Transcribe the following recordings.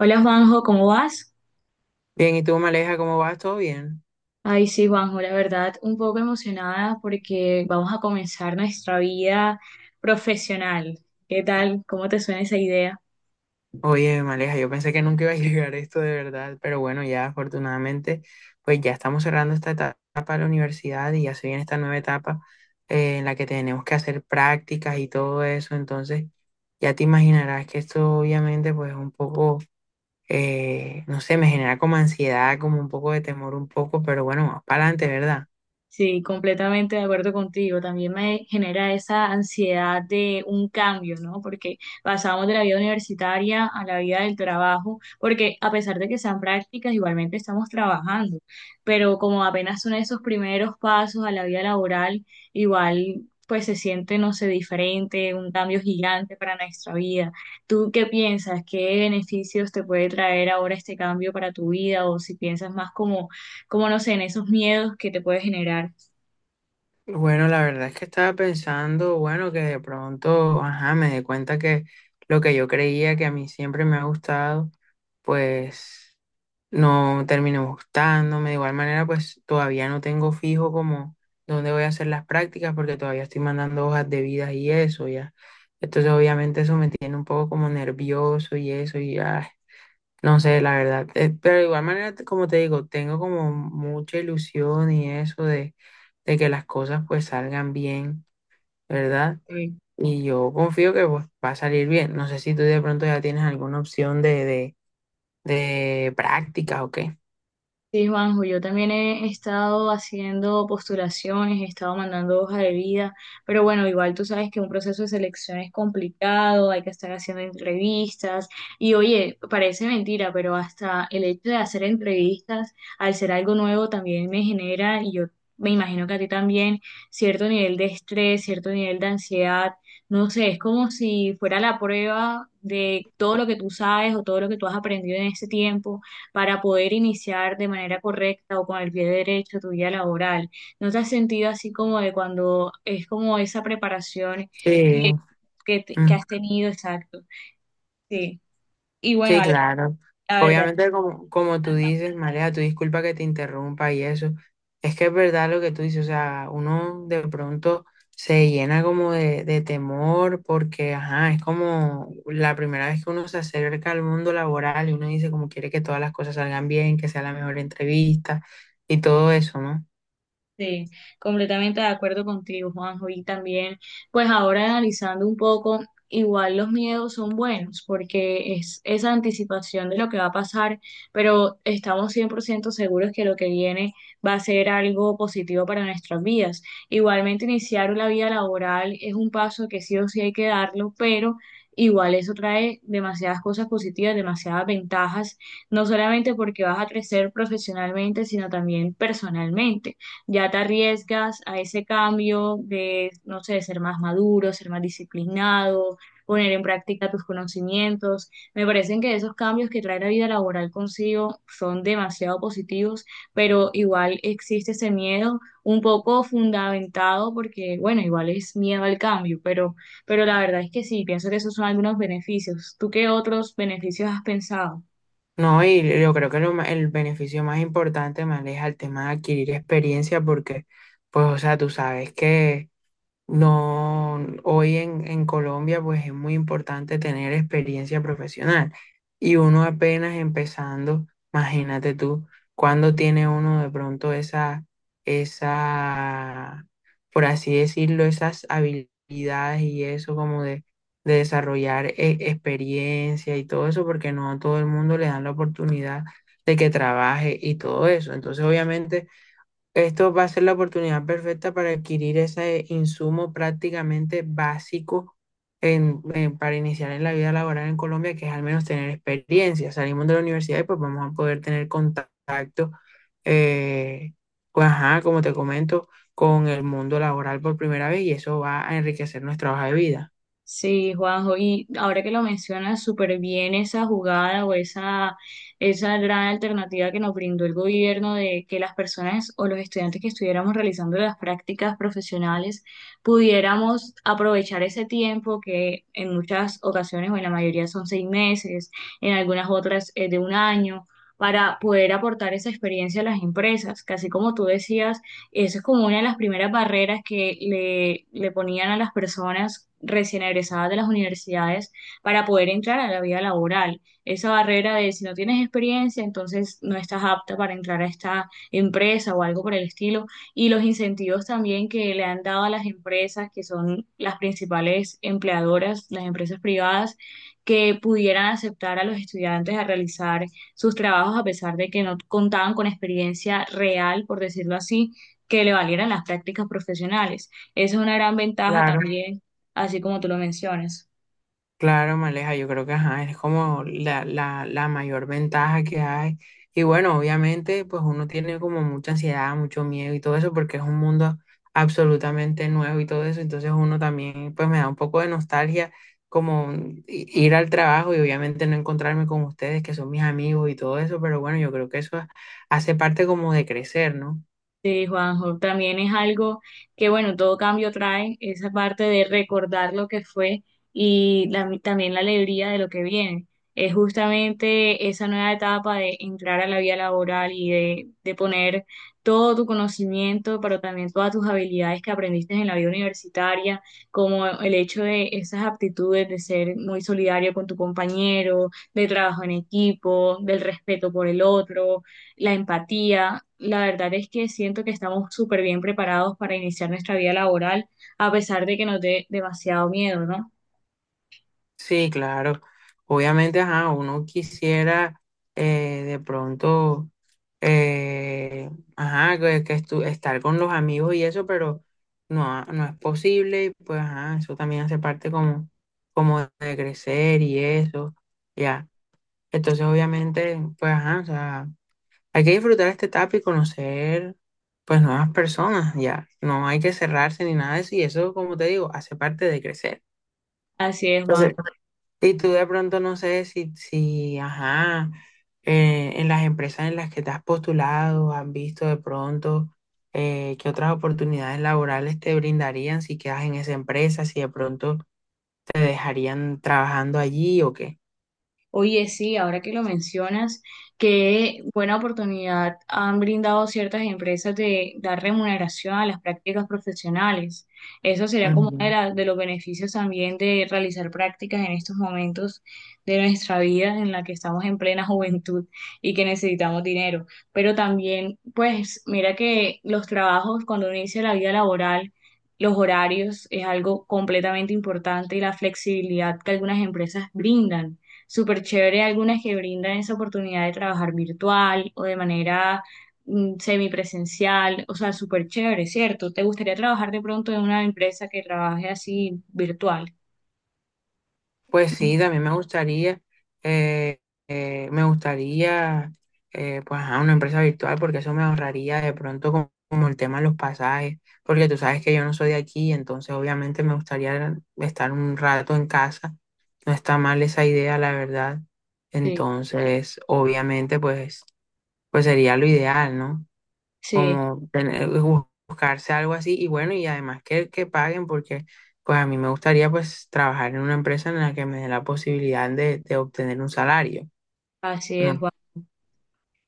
Hola Juanjo, ¿cómo vas? Bien, ¿y tú, Maleja, cómo vas? ¿Todo bien? Ay, sí, Juanjo, la verdad, un poco emocionada porque vamos a comenzar nuestra vida profesional. ¿Qué tal? ¿Cómo te suena esa idea? Oye, Maleja, yo pensé que nunca iba a llegar esto de verdad, pero bueno, ya afortunadamente, pues ya estamos cerrando esta etapa de la universidad y ya se viene esta nueva etapa en la que tenemos que hacer prácticas y todo eso. Entonces ya te imaginarás que esto obviamente pues un poco, no sé, me genera como ansiedad, como un poco de temor un poco, pero bueno, más para adelante, ¿verdad? Sí, completamente de acuerdo contigo. También me genera esa ansiedad de un cambio, ¿no? Porque pasamos de la vida universitaria a la vida del trabajo, porque a pesar de que sean prácticas, igualmente estamos trabajando, pero como apenas son esos primeros pasos a la vida laboral, igual pues se siente, no sé, diferente, un cambio gigante para nuestra vida. ¿Tú qué piensas? ¿Qué beneficios te puede traer ahora este cambio para tu vida? O si piensas más como, como no sé, en esos miedos que te puede generar. Bueno, la verdad es que estaba pensando, bueno, que de pronto, ajá, me di cuenta que lo que yo creía que a mí siempre me ha gustado, pues no terminó gustándome. De igual manera, pues todavía no tengo fijo como dónde voy a hacer las prácticas porque todavía estoy mandando hojas de vida y eso, ya. Entonces, obviamente eso me tiene un poco como nervioso y eso, y ya. No sé, la verdad. Pero de igual manera, como te digo, tengo como mucha ilusión y eso de que las cosas pues salgan bien, ¿verdad? Sí, Y yo confío que pues va a salir bien. No sé si tú de pronto ya tienes alguna opción de práctica o qué. sí, Juanjo, yo también he estado haciendo postulaciones, he estado mandando hoja de vida, pero bueno, igual tú sabes que un proceso de selección es complicado, hay que estar haciendo entrevistas y oye, parece mentira, pero hasta el hecho de hacer entrevistas, al ser algo nuevo, también me genera, y yo me imagino que a ti también, cierto nivel de estrés, cierto nivel de ansiedad, no sé, es como si fuera la prueba de todo lo que tú sabes o todo lo que tú has aprendido en ese tiempo para poder iniciar de manera correcta o con el pie derecho tu vida laboral. ¿No te has sentido así como de cuando es como esa preparación que, Sí. Que has tenido? Exacto. Sí. Y bueno, Sí, Ale, claro. la verdad. Obviamente, como, como tú dices, Marea, tu disculpa que te interrumpa y eso. Es que es verdad lo que tú dices, o sea, uno de pronto se llena como de temor porque, ajá, es como la primera vez que uno se acerca al mundo laboral y uno dice como quiere que todas las cosas salgan bien, que sea la mejor entrevista y todo eso, ¿no? Sí, completamente de acuerdo contigo, Juanjo. Y también, pues ahora analizando un poco, igual los miedos son buenos porque es esa anticipación de lo que va a pasar, pero estamos 100% seguros que lo que viene va a ser algo positivo para nuestras vidas. Igualmente, iniciar la vida laboral es un paso que sí o sí hay que darlo, pero... Igual eso trae demasiadas cosas positivas, demasiadas ventajas, no solamente porque vas a crecer profesionalmente, sino también personalmente ya te arriesgas a ese cambio de, no sé, de ser más maduro, ser más disciplinado, poner en práctica tus conocimientos. Me parecen que esos cambios que trae la vida laboral consigo son demasiado positivos, pero igual existe ese miedo un poco fundamentado porque, bueno, igual es miedo al cambio, pero la verdad es que sí, pienso que esos son algunos beneficios. ¿Tú qué otros beneficios has pensado? No, y yo creo que el beneficio más importante, Marea, es el tema de adquirir experiencia porque, pues, o sea, tú sabes que no, hoy en Colombia pues es muy importante tener experiencia profesional y uno apenas empezando, imagínate tú, cuando tiene uno de pronto esa, por así decirlo, esas habilidades y eso como de desarrollar experiencia y todo eso, porque no a todo el mundo le dan la oportunidad de que trabaje y todo eso. Entonces, obviamente esto va a ser la oportunidad perfecta para adquirir ese insumo prácticamente básico para iniciar en la vida laboral en Colombia, que es al menos tener experiencia. Salimos de la universidad y pues vamos a poder tener contacto, eh, pues, ajá, como te comento, con el mundo laboral por primera vez y eso va a enriquecer nuestra hoja de vida. Sí, Juanjo, y ahora que lo mencionas súper bien esa jugada o esa gran alternativa que nos brindó el gobierno de que las personas o los estudiantes que estuviéramos realizando las prácticas profesionales pudiéramos aprovechar ese tiempo que en muchas ocasiones o en la mayoría son seis meses, en algunas otras es de un año, para poder aportar esa experiencia a las empresas, casi como tú decías eso es como una de las primeras barreras que le ponían a las personas recién egresadas de las universidades para poder entrar a la vida laboral. Esa barrera de si no tienes experiencia, entonces no estás apta para entrar a esta empresa o algo por el estilo. Y los incentivos también que le han dado a las empresas, que son las principales empleadoras, las empresas privadas, que pudieran aceptar a los estudiantes a realizar sus trabajos a pesar de que no contaban con experiencia real, por decirlo así que le valieran las prácticas profesionales. Esa es una gran ventaja Claro. también, así como tú lo mencionas. Claro, Maleja, yo creo que ajá, es como la mayor ventaja que hay. Y bueno, obviamente, pues uno tiene como mucha ansiedad, mucho miedo y todo eso, porque es un mundo absolutamente nuevo y todo eso. Entonces uno también, pues me da un poco de nostalgia como ir al trabajo y obviamente no encontrarme con ustedes, que son mis amigos y todo eso. Pero bueno, yo creo que eso hace parte como de crecer, ¿no? Sí, Juanjo, también es algo que, bueno, todo cambio trae esa parte de recordar lo que fue y también la alegría de lo que viene. Es justamente esa nueva etapa de entrar a la vida laboral y de poner todo tu conocimiento, pero también todas tus habilidades que aprendiste en la vida universitaria, como el hecho de esas aptitudes de ser muy solidario con tu compañero, de trabajo en equipo, del respeto por el otro, la empatía. La verdad es que siento que estamos súper bien preparados para iniciar nuestra vida laboral, a pesar de que nos dé demasiado miedo, ¿no? Sí, claro. Obviamente, ajá, uno quisiera de pronto, eh, ajá, que estar con los amigos y eso, pero no, no es posible. Y pues, ajá, eso también hace parte como, como de crecer y eso, ya. Entonces, obviamente, pues, ajá, o sea, hay que disfrutar esta etapa y conocer, pues, nuevas personas, ya. No hay que cerrarse ni nada de eso y eso, como te digo, hace parte de crecer. Así es, Juan. Entonces, y tú de pronto no sé si, si, ajá, en las empresas en las que te has postulado, has visto de pronto qué otras oportunidades laborales te brindarían si quedas en esa empresa, si de pronto te dejarían trabajando allí o qué. Oye, sí, ahora que lo mencionas, qué buena oportunidad han brindado ciertas empresas de dar remuneración a las prácticas profesionales. Eso sería como uno de, Ujú. De los beneficios también de realizar prácticas en estos momentos de nuestra vida en la que estamos en plena juventud y que necesitamos dinero. Pero también, pues, mira que los trabajos, cuando uno inicia la vida laboral, los horarios es algo completamente importante y la flexibilidad que algunas empresas brindan, súper chévere algunas que brindan esa oportunidad de trabajar virtual o de manera semipresencial, o sea, súper chévere, ¿cierto? ¿Te gustaría trabajar de pronto en una empresa que trabaje así virtual? Pues sí, también eh, me gustaría, pues, a una empresa virtual, porque eso me ahorraría de pronto como, como el tema de los pasajes, porque tú sabes que yo no soy de aquí, entonces obviamente me gustaría estar un rato en casa. No está mal esa idea, la verdad. Sí, Entonces, obviamente, pues sería lo ideal, ¿no? sí, Como buscarse algo así y bueno, y además que paguen porque pues a mí me gustaría pues trabajar en una empresa en la que me dé la posibilidad de obtener un salario, así es. no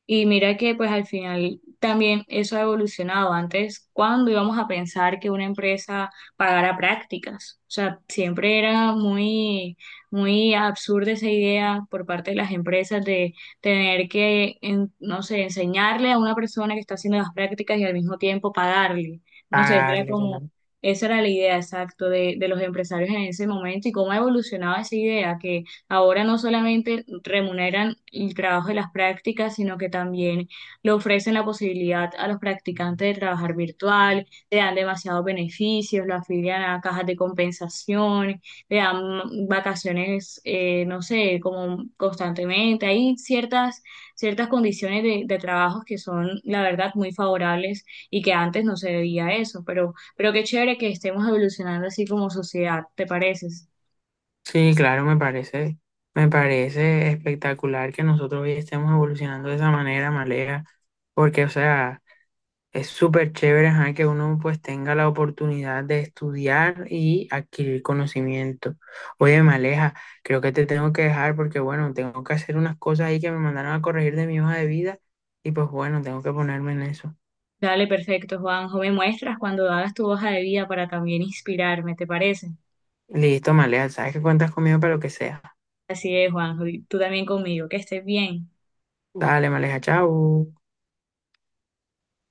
Y mira que pues al final también eso ha evolucionado. Antes, ¿cuándo íbamos a pensar que una empresa pagara prácticas? O sea, siempre era muy, muy absurda esa idea por parte de las empresas de tener que, no sé, enseñarle a una persona que está haciendo las prácticas y al mismo tiempo pagarle. No sé, era pagarle. como, ¿No? esa era la idea exacta de los empresarios en ese momento y cómo ha evolucionado esa idea. Ahora no solamente remuneran el trabajo de las prácticas, sino que también le ofrecen la posibilidad a los practicantes de trabajar virtual, le dan demasiados beneficios, lo afilian a cajas de compensación, le dan vacaciones, no sé, como constantemente. Hay ciertas condiciones de trabajo que son, la verdad, muy favorables y que antes no se veía eso, pero qué chévere que estemos evolucionando así como sociedad, ¿te pareces? Sí, claro, me parece espectacular que nosotros hoy estemos evolucionando de esa manera, Malea, porque o sea... Es súper chévere, ajá, que uno pues tenga la oportunidad de estudiar y adquirir conocimiento. Oye, Maleja, creo que te tengo que dejar porque bueno, tengo que hacer unas cosas ahí que me mandaron a corregir de mi hoja de vida y pues bueno, tengo que ponerme en eso. Dale, perfecto, Juanjo. Me muestras cuando hagas tu hoja de vida para también inspirarme, ¿te parece? Listo, Maleja, sabes que cuentas conmigo para lo que sea. Así es, Juanjo. Y tú también conmigo. Que estés bien. Dale, Maleja, chao.